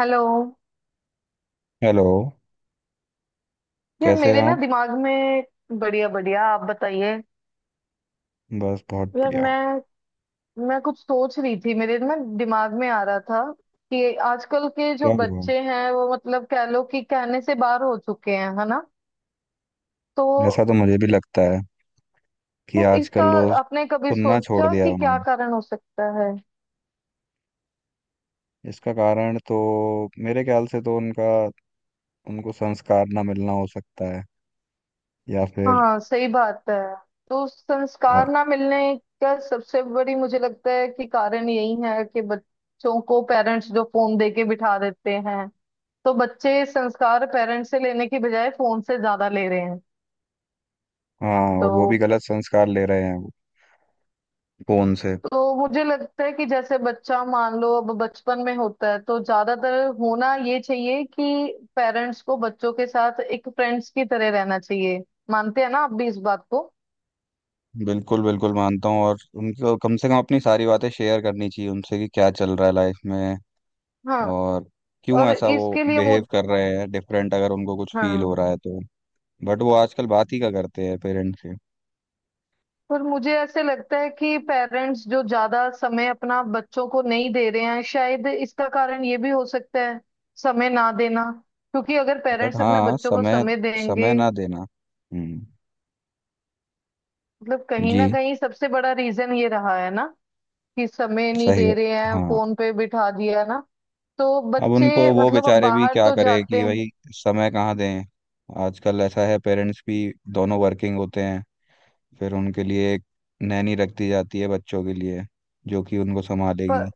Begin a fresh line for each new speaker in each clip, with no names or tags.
Hello.
Hello.
यार
कैसे हैं
मेरे ना
आप?
दिमाग में। बढ़िया बढ़िया, आप बताइए।
बस बहुत
यार
बढ़िया।
मैं कुछ सोच रही थी, मेरे ना दिमाग में आ रहा था कि आजकल के जो
क्या हुआ?
बच्चे हैं वो मतलब कह लो कि कहने से बाहर हो चुके हैं, है ना। तो
ऐसा तो मुझे भी लगता है कि
तो इसका
आजकल लोग
आपने कभी
सुनना छोड़
सोचा
दिया है
कि क्या
उन्होंने।
कारण हो सकता है।
इसका कारण तो मेरे ख्याल से तो उनका उनको संस्कार ना मिलना हो सकता है, या फिर
हाँ, सही बात है। तो संस्कार
और-।
ना मिलने का सबसे बड़ी मुझे लगता है कि कारण यही है कि बच्चों को पेरेंट्स जो फोन दे के बिठा देते हैं, तो बच्चे संस्कार पेरेंट्स से लेने की बजाय फोन से ज्यादा ले रहे हैं।
हाँ, और वो भी
तो
गलत संस्कार ले रहे हैं वो फोन से।
तो मुझे लगता है कि जैसे बच्चा मान लो अब बचपन में होता है तो ज्यादातर होना ये चाहिए कि पेरेंट्स को बच्चों के साथ एक फ्रेंड्स की तरह रहना चाहिए। मानते हैं ना आप भी इस बात को।
बिल्कुल बिल्कुल मानता हूँ, और उनको कम से कम अपनी सारी बातें शेयर करनी चाहिए उनसे कि क्या चल रहा है लाइफ में।
हाँ।
और क्यों
और
ऐसा वो
इसके लिए
बिहेव
मुझे।
कर रहे हैं डिफरेंट, अगर उनको कुछ फील हो
हाँ।
रहा है तो। बट वो आजकल बात ही का करते हैं पेरेंट्स से।
पर मुझे ऐसे लगता है कि पेरेंट्स जो ज्यादा समय अपना बच्चों को नहीं दे रहे हैं, शायद इसका कारण ये भी हो सकता है, समय ना देना। क्योंकि अगर
बट
पेरेंट्स अपने
हाँ,
बच्चों को
समय,
समय देंगे,
समय ना देना। हम्म।
मतलब कहीं
जी।
ना कहीं सबसे बड़ा रीजन ये रहा है ना कि समय नहीं
सही
दे रहे
बात-,
हैं,
हाँ।
फोन पे बिठा दिया ना तो
अब
बच्चे।
उनको वो
मतलब अब
बेचारे भी
बाहर
क्या
तो
करें
जाते
कि
हैं
भाई समय कहाँ दें। आजकल ऐसा है, पेरेंट्स भी दोनों वर्किंग होते हैं, फिर उनके लिए एक नैनी रख दी जाती है बच्चों के लिए, जो कि उनको
पर
संभालेगी।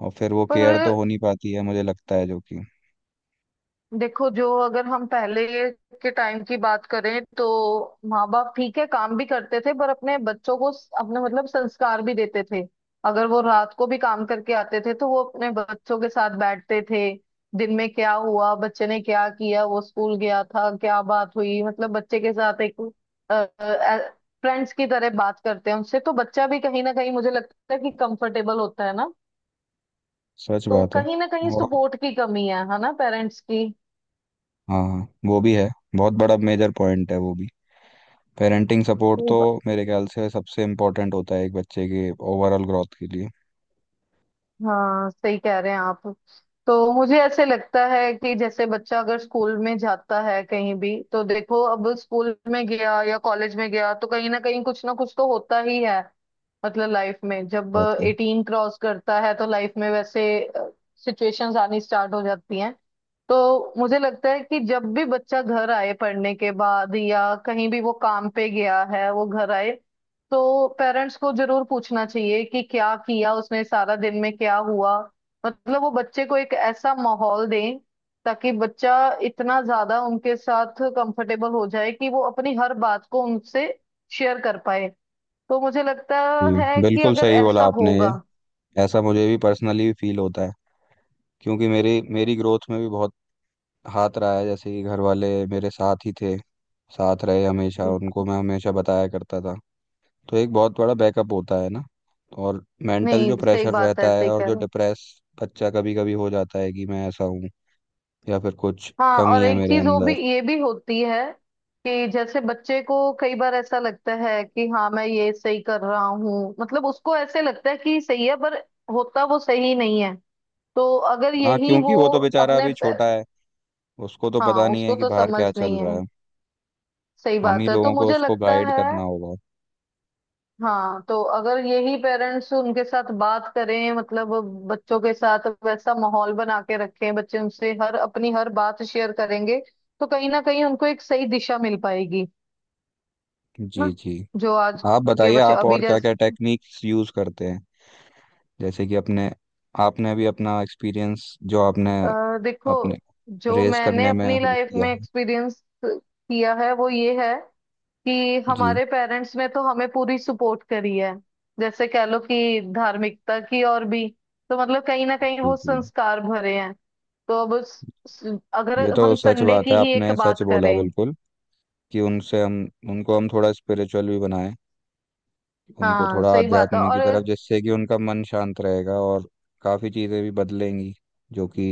और फिर वो केयर तो
पर
हो नहीं पाती है, मुझे लगता है जो कि
देखो, जो अगर हम पहले के टाइम की बात करें तो माँ बाप ठीक है काम भी करते थे पर अपने बच्चों को अपने मतलब संस्कार भी देते थे। अगर वो रात को भी काम करके आते थे तो वो अपने बच्चों के साथ बैठते थे, दिन में क्या हुआ, बच्चे ने क्या किया, वो स्कूल गया था, क्या बात हुई, मतलब बच्चे के साथ एक फ्रेंड्स की तरह बात करते हैं उनसे, तो बच्चा भी कहीं ना कहीं मुझे लगता है कि कंफर्टेबल होता है ना।
सच
तो
बात है।
कहीं ना कहीं
और
सपोर्ट की कमी है ना पेरेंट्स की।
हाँ, वो भी है, बहुत बड़ा मेजर पॉइंट है वो भी। पेरेंटिंग सपोर्ट तो मेरे ख्याल से सबसे इम्पोर्टेंट होता है एक बच्चे के ओवरऑल ग्रोथ के लिए।
हाँ, सही कह रहे हैं आप। तो मुझे ऐसे लगता है कि जैसे बच्चा अगर स्कूल में जाता है कहीं भी, तो देखो अब स्कूल में गया या कॉलेज में गया तो कहीं ना कहीं कुछ ना कुछ तो होता ही है। मतलब लाइफ में जब
बात है।
18 क्रॉस करता है तो लाइफ में वैसे सिचुएशंस आनी स्टार्ट हो जाती हैं। तो मुझे लगता है कि जब भी बच्चा घर आए पढ़ने के बाद या कहीं भी वो काम पे गया है वो घर आए, तो पेरेंट्स को जरूर पूछना चाहिए कि क्या किया उसने सारा दिन, में क्या हुआ। मतलब वो बच्चे को एक ऐसा माहौल दें ताकि बच्चा इतना ज्यादा उनके साथ कंफर्टेबल हो जाए कि वो अपनी हर बात को उनसे शेयर कर पाए। तो मुझे लगता
जी,
है कि
बिल्कुल
अगर
सही बोला
ऐसा
आपने ये।
होगा।
ऐसा मुझे भी पर्सनली फील होता है, क्योंकि मेरी मेरी ग्रोथ में भी बहुत हाथ रहा है, जैसे कि घर वाले मेरे साथ ही थे, साथ रहे हमेशा, उनको मैं हमेशा बताया करता था। तो एक बहुत बड़ा बैकअप होता है ना। और मेंटल जो
नहीं, सही
प्रेशर
बात है,
रहता है
सही
और
कह
जो
रहे हो।
डिप्रेस बच्चा कभी कभी हो जाता है कि मैं ऐसा हूँ या फिर कुछ
हाँ,
कमी
और
है
एक
मेरे
चीज वो
अंदर।
भी, ये भी होती है कि जैसे बच्चे को कई बार ऐसा लगता है कि हाँ मैं ये सही कर रहा हूँ, मतलब उसको ऐसे लगता है कि सही है पर होता वो सही नहीं है। तो अगर
हाँ,
यही
क्योंकि
वो
वो तो बेचारा
अपने
अभी छोटा है। उसको तो
हाँ,
पता नहीं
उसको
है कि
तो
बाहर
समझ
क्या चल
नहीं
रहा
है।
है।
सही
हम ही
बात है, तो
लोगों को
मुझे
उसको
लगता
गाइड
है।
करना होगा।
हाँ, तो अगर यही पेरेंट्स उनके साथ बात करें, मतलब बच्चों के साथ वैसा माहौल बना के रखें, बच्चे उनसे हर अपनी हर बात शेयर करेंगे, तो कहीं ना कहीं उनको एक सही दिशा मिल पाएगी
जी
ना।
जी।
जो आज
आप
के
बताइए,
बच्चे
आप
अभी
और क्या क्या
जैसे
टेक्निक्स यूज करते हैं, जैसे कि अपने, आपने भी अपना एक्सपीरियंस जो आपने
देखो,
अपने
जो
रेस
मैंने
करने में
अपनी
हो
लाइफ
किया
में
हो।
एक्सपीरियंस किया है वो ये है कि
जी
हमारे पेरेंट्स ने तो हमें पूरी सपोर्ट करी है, जैसे कह लो कि धार्मिकता की और भी। तो मतलब कहीं ना कहीं
जी।
वो
जी,
संस्कार भरे हैं। तो अब अगर
ये तो
हम
सच
संडे
बात
की
है,
ही एक
आपने सच
बात
बोला
करें।
बिल्कुल। कि उनसे हम, उनको हम थोड़ा स्पिरिचुअल भी बनाएं, उनको
हाँ,
थोड़ा
सही बात है।
आध्यात्म की
और
तरफ, जिससे कि उनका मन शांत रहेगा और काफ़ी चीज़ें भी बदलेंगी, जो कि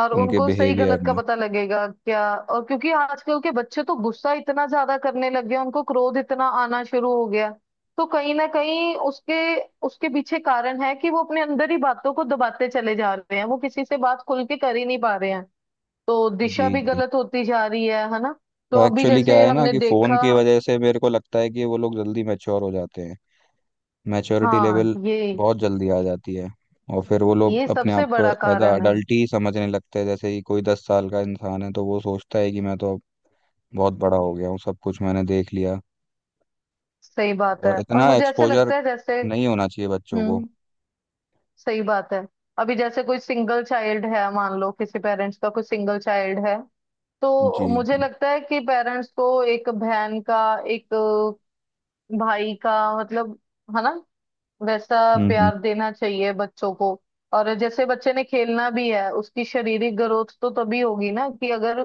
और
उनके
उनको सही
बिहेवियर
गलत का
में।
पता लगेगा, क्या। और क्योंकि आजकल के बच्चे तो गुस्सा इतना ज्यादा करने लग गए, उनको क्रोध इतना आना शुरू हो गया, तो कहीं ना कहीं उसके उसके पीछे कारण है कि वो अपने अंदर ही बातों को दबाते चले जा रहे हैं, वो किसी से बात खुल के कर ही नहीं पा रहे हैं। तो दिशा
जी
भी
जी।
गलत होती जा रही है ना। तो
तो
अभी
एक्चुअली क्या
जैसे
है ना
हमने
कि फ़ोन
देखा।
की वजह से मेरे को लगता है कि वो लोग जल्दी मैच्योर हो जाते हैं। मैच्योरिटी
हाँ,
लेवल
ये
बहुत जल्दी आ जाती है, और फिर वो लोग
ये
अपने आप
सबसे
को
बड़ा
एज अ
कारण है।
अडल्ट ही समझने लगते हैं। जैसे ही कोई 10 साल का इंसान है तो वो सोचता है कि मैं तो अब बहुत बड़ा हो गया हूँ, सब कुछ मैंने देख लिया।
सही बात है,
और
और
इतना
मुझे ऐसे
एक्सपोजर
लगता है जैसे।
नहीं होना चाहिए बच्चों को।
हम्म, सही बात है। अभी जैसे कोई सिंगल चाइल्ड है, मान लो किसी पेरेंट्स का कोई सिंगल चाइल्ड है, तो
जी
मुझे
जी।
लगता है कि पेरेंट्स को एक बहन का, एक भाई का, मतलब, है ना, वैसा
हम्म।
प्यार देना चाहिए बच्चों को। और जैसे बच्चे ने खेलना भी है, उसकी शारीरिक ग्रोथ तो तभी होगी ना कि अगर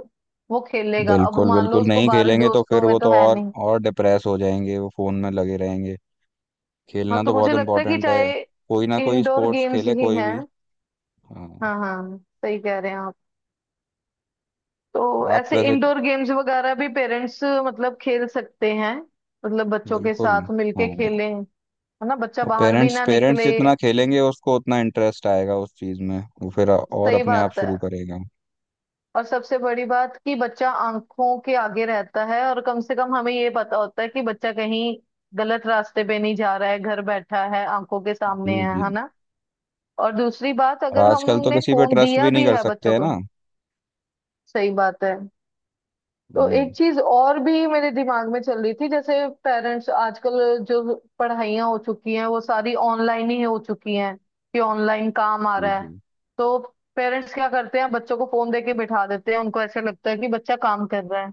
वो खेलेगा। अब
बिल्कुल
मान लो
बिल्कुल,
उसको
नहीं
बाहरी
खेलेंगे तो
दोस्तों
फिर
में
वो
तो
तो
है नहीं।
और डिप्रेस हो जाएंगे, वो फ़ोन में लगे रहेंगे।
हाँ,
खेलना
तो
तो बहुत
मुझे लगता है कि
इम्पोर्टेंट है।
चाहे
कोई ना कोई
इंडोर
स्पोर्ट्स
गेम्स
खेले,
ही
कोई
हैं।
भी। हाँ।
हाँ हाँ, सही कह रहे हैं आप। तो
आप
ऐसे
वैसे।
इंडोर गेम्स वगैरह भी पेरेंट्स मतलब खेल सकते हैं, मतलब बच्चों के
बिल्कुल।
साथ मिलके
हाँ।
खेलें, है ना, बच्चा
और
बाहर भी
पेरेंट्स,
ना
पेरेंट्स
निकले।
जितना खेलेंगे उसको उतना इंटरेस्ट आएगा उस चीज़ में, वो फिर और
सही
अपने आप
बात है।
शुरू करेगा।
और सबसे बड़ी बात कि बच्चा आंखों के आगे रहता है और कम से कम हमें ये पता होता है कि बच्चा कहीं गलत रास्ते पे नहीं जा रहा है, घर बैठा है, आंखों के
जी
सामने है
जी।
है ना। और दूसरी बात,
और
अगर
आजकल तो
हमने
किसी पे
फोन
ट्रस्ट
दिया
भी नहीं
भी
कर
है
सकते
बच्चों
है
को।
ना।
सही बात है। तो एक
हम्म।
चीज और भी मेरे दिमाग में चल रही थी, जैसे पेरेंट्स आजकल जो पढ़ाइयाँ हो चुकी हैं वो सारी ऑनलाइन ही हो चुकी हैं, कि ऑनलाइन काम आ
जी
रहा है,
जी।
तो पेरेंट्स क्या करते हैं, बच्चों को फोन देके बिठा देते हैं, उनको ऐसे लगता है कि बच्चा काम कर रहा है।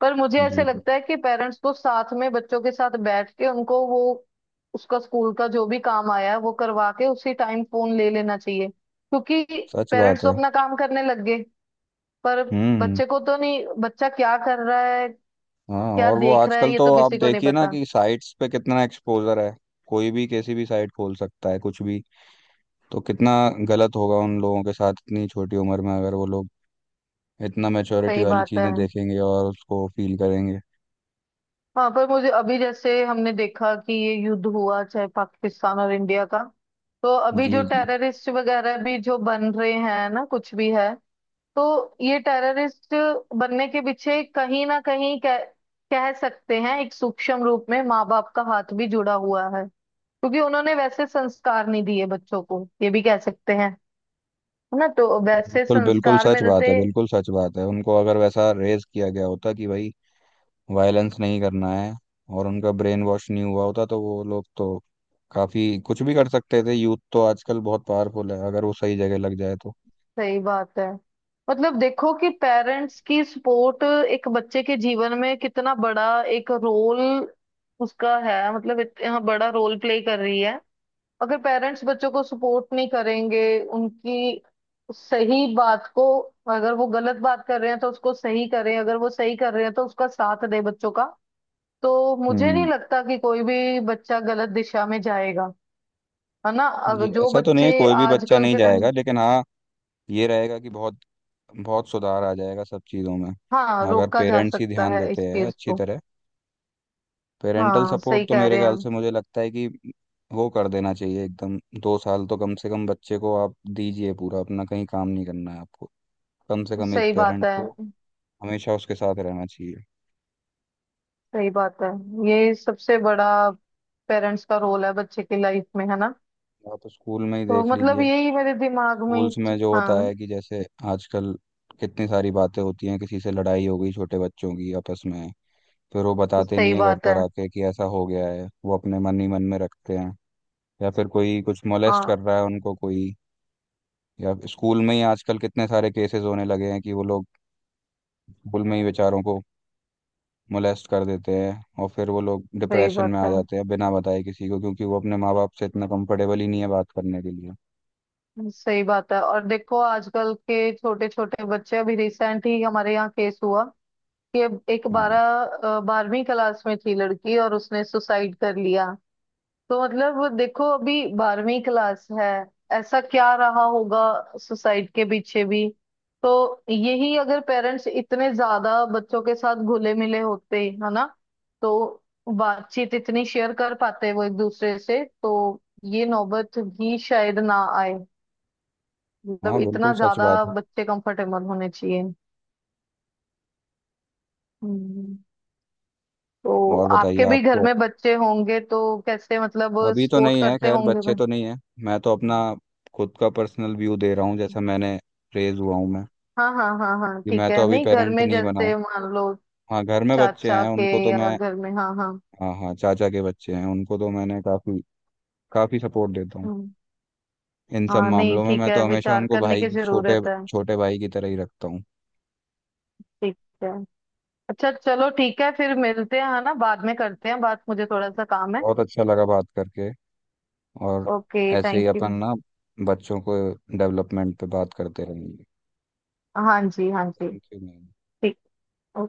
पर मुझे ऐसे
जी जी।
लगता है कि पेरेंट्स को साथ में बच्चों के साथ बैठ के उनको वो उसका स्कूल का जो भी काम आया है वो करवा के उसी टाइम फोन ले लेना चाहिए, क्योंकि
सच
पेरेंट्स
बात
तो
है।
अपना काम करने लग गए पर
हम्म हम्म।
बच्चे को तो नहीं, बच्चा क्या कर रहा है,
हाँ,
क्या
और वो
देख रहा है
आजकल
ये तो
तो आप
किसी को नहीं
देखिए ना
पता।
कि साइट्स पे कितना एक्सपोजर है। कोई भी किसी भी साइट खोल सकता है कुछ भी, तो कितना गलत होगा उन लोगों के साथ इतनी छोटी उम्र में अगर वो लोग इतना मैच्योरिटी
सही
वाली
बात है।
चीज़ें देखेंगे और उसको फील करेंगे।
हाँ, पर मुझे अभी जैसे हमने देखा कि ये युद्ध हुआ, चाहे पाकिस्तान और इंडिया का, तो अभी
जी
जो
जी।
टेररिस्ट वगैरह भी जो बन रहे हैं ना कुछ भी है, तो ये टेररिस्ट बनने के पीछे कहीं ना कहीं कह सकते हैं एक सूक्ष्म रूप में माँ बाप का हाथ भी जुड़ा हुआ है, क्योंकि उन्होंने वैसे संस्कार नहीं दिए बच्चों को, ये भी कह सकते हैं, है ना। तो वैसे
बिल्कुल बिल्कुल
संस्कार
सच बात
मिलते।
है, बिल्कुल सच बात है। उनको अगर वैसा रेज किया गया होता कि भाई वायलेंस नहीं करना है, और उनका ब्रेन वॉश नहीं हुआ होता तो वो लोग तो काफ़ी कुछ भी कर सकते थे। यूथ तो आजकल बहुत पावरफुल है, अगर वो सही जगह लग जाए तो।
सही बात है। मतलब देखो कि पेरेंट्स की सपोर्ट एक बच्चे के जीवन में कितना बड़ा एक रोल, उसका है, मतलब इतना बड़ा रोल प्ले कर रही है। अगर पेरेंट्स बच्चों को सपोर्ट नहीं करेंगे उनकी सही बात को, अगर वो गलत बात कर रहे हैं तो उसको सही करें, अगर वो सही कर रहे हैं तो उसका साथ दे बच्चों का, तो मुझे नहीं
हम्म।
लगता कि कोई भी बच्चा गलत दिशा में जाएगा। है ना,
जी,
अगर जो
ऐसा तो नहीं है
बच्चे
कोई भी बच्चा
आजकल
नहीं
के
जाएगा,
टाइम।
लेकिन हाँ ये रहेगा कि बहुत बहुत सुधार आ जाएगा सब चीज़ों में,
हाँ,
अगर
रोका जा
पेरेंट्स ही
सकता
ध्यान
है इस
देते हैं
चीज
अच्छी
को।
तरह। पेरेंटल
हाँ,
सपोर्ट
सही
तो
कह
मेरे
रहे
ख्याल
हैं।
से मुझे लगता है कि वो कर देना चाहिए एकदम। 2 साल तो कम से कम बच्चे को आप दीजिए पूरा अपना, कहीं काम नहीं करना है आपको। कम से कम एक
सही बात
पेरेंट
है।
को हमेशा उसके साथ रहना चाहिए।
सही बात है, ये सबसे बड़ा पेरेंट्स का रोल है बच्चे की लाइफ में, है ना।
आप स्कूल में ही
तो
देख
मतलब
लीजिए,
यही मेरे दिमाग में
स्कूल्स में जो होता
हाँ,
है कि जैसे आजकल कितनी सारी बातें होती हैं, किसी से लड़ाई हो गई छोटे बच्चों की आपस में, फिर वो बताते
सही
नहीं है घर
बात है।
पर आके कि ऐसा हो गया है, वो अपने मन ही मन में रखते हैं। या फिर कोई कुछ मोलेस्ट
हाँ,
कर रहा है उनको कोई, या स्कूल में ही आजकल कितने सारे केसेस होने लगे हैं कि वो लोग स्कूल में ही बेचारों को मोलेस्ट कर देते हैं, और फिर वो लोग
सही
डिप्रेशन
बात
में आ
है,
जाते हैं बिना बताए किसी को, क्योंकि वो अपने माँ बाप से इतना कंफर्टेबल ही नहीं है बात करने के लिए।
सही बात है। और देखो आजकल के छोटे छोटे बच्चे, अभी रिसेंट ही हमारे यहाँ केस हुआ कि एक
हाँ।
बारह अ, 12वीं क्लास में थी लड़की और उसने सुसाइड कर लिया। तो मतलब देखो अभी 12वीं क्लास है, ऐसा क्या रहा होगा सोसाइटी के पीछे भी। तो यही अगर पेरेंट्स इतने ज्यादा बच्चों के साथ घुले मिले होते, है ना, तो बातचीत इतनी शेयर कर पाते वो एक दूसरे से, तो ये नौबत भी शायद ना आए। मतलब
हाँ बिल्कुल
इतना
सच
ज्यादा
बात है।
बच्चे कंफर्टेबल होने चाहिए। हम्म। तो
और बताइए
आपके भी घर
आपको।
में बच्चे होंगे, तो कैसे मतलब
अभी तो
सपोर्ट
नहीं है,
करते
खैर
होंगे
बच्चे
भाई।
तो नहीं है। मैं तो अपना खुद का पर्सनल व्यू दे रहा हूँ, जैसा मैंने रेज हुआ हूँ मैं।
हाँ हाँ हाँ हाँ,
कि
ठीक
मैं तो
है।
अभी
नहीं घर
पेरेंट
में
नहीं बना हूँ।
जैसे मान लो
हाँ, घर में बच्चे
चाचा
हैं
के
उनको तो
या
मैं,
घर में, हाँ हाँ।
हाँ हाँ, चाचा के बच्चे हैं, उनको तो मैंने काफी काफी सपोर्ट देता हूँ
हम्म।
इन सब
हाँ, नहीं
मामलों में।
ठीक
मैं
है,
तो हमेशा
विचार
उनको
करने
भाई,
की
छोटे
जरूरत है।
छोटे भाई की तरह ही रखता हूँ।
ठीक है, अच्छा चलो ठीक है, फिर मिलते हैं, है ना, बाद में करते हैं बात, मुझे थोड़ा सा काम है।
बहुत अच्छा लगा बात करके। और
ओके,
ऐसे
थैंक
ही
यू।
अपन ना बच्चों को डेवलपमेंट पे बात करते रहेंगे।
हाँ जी, हाँ जी।
Thank you ma'am.
ठीक।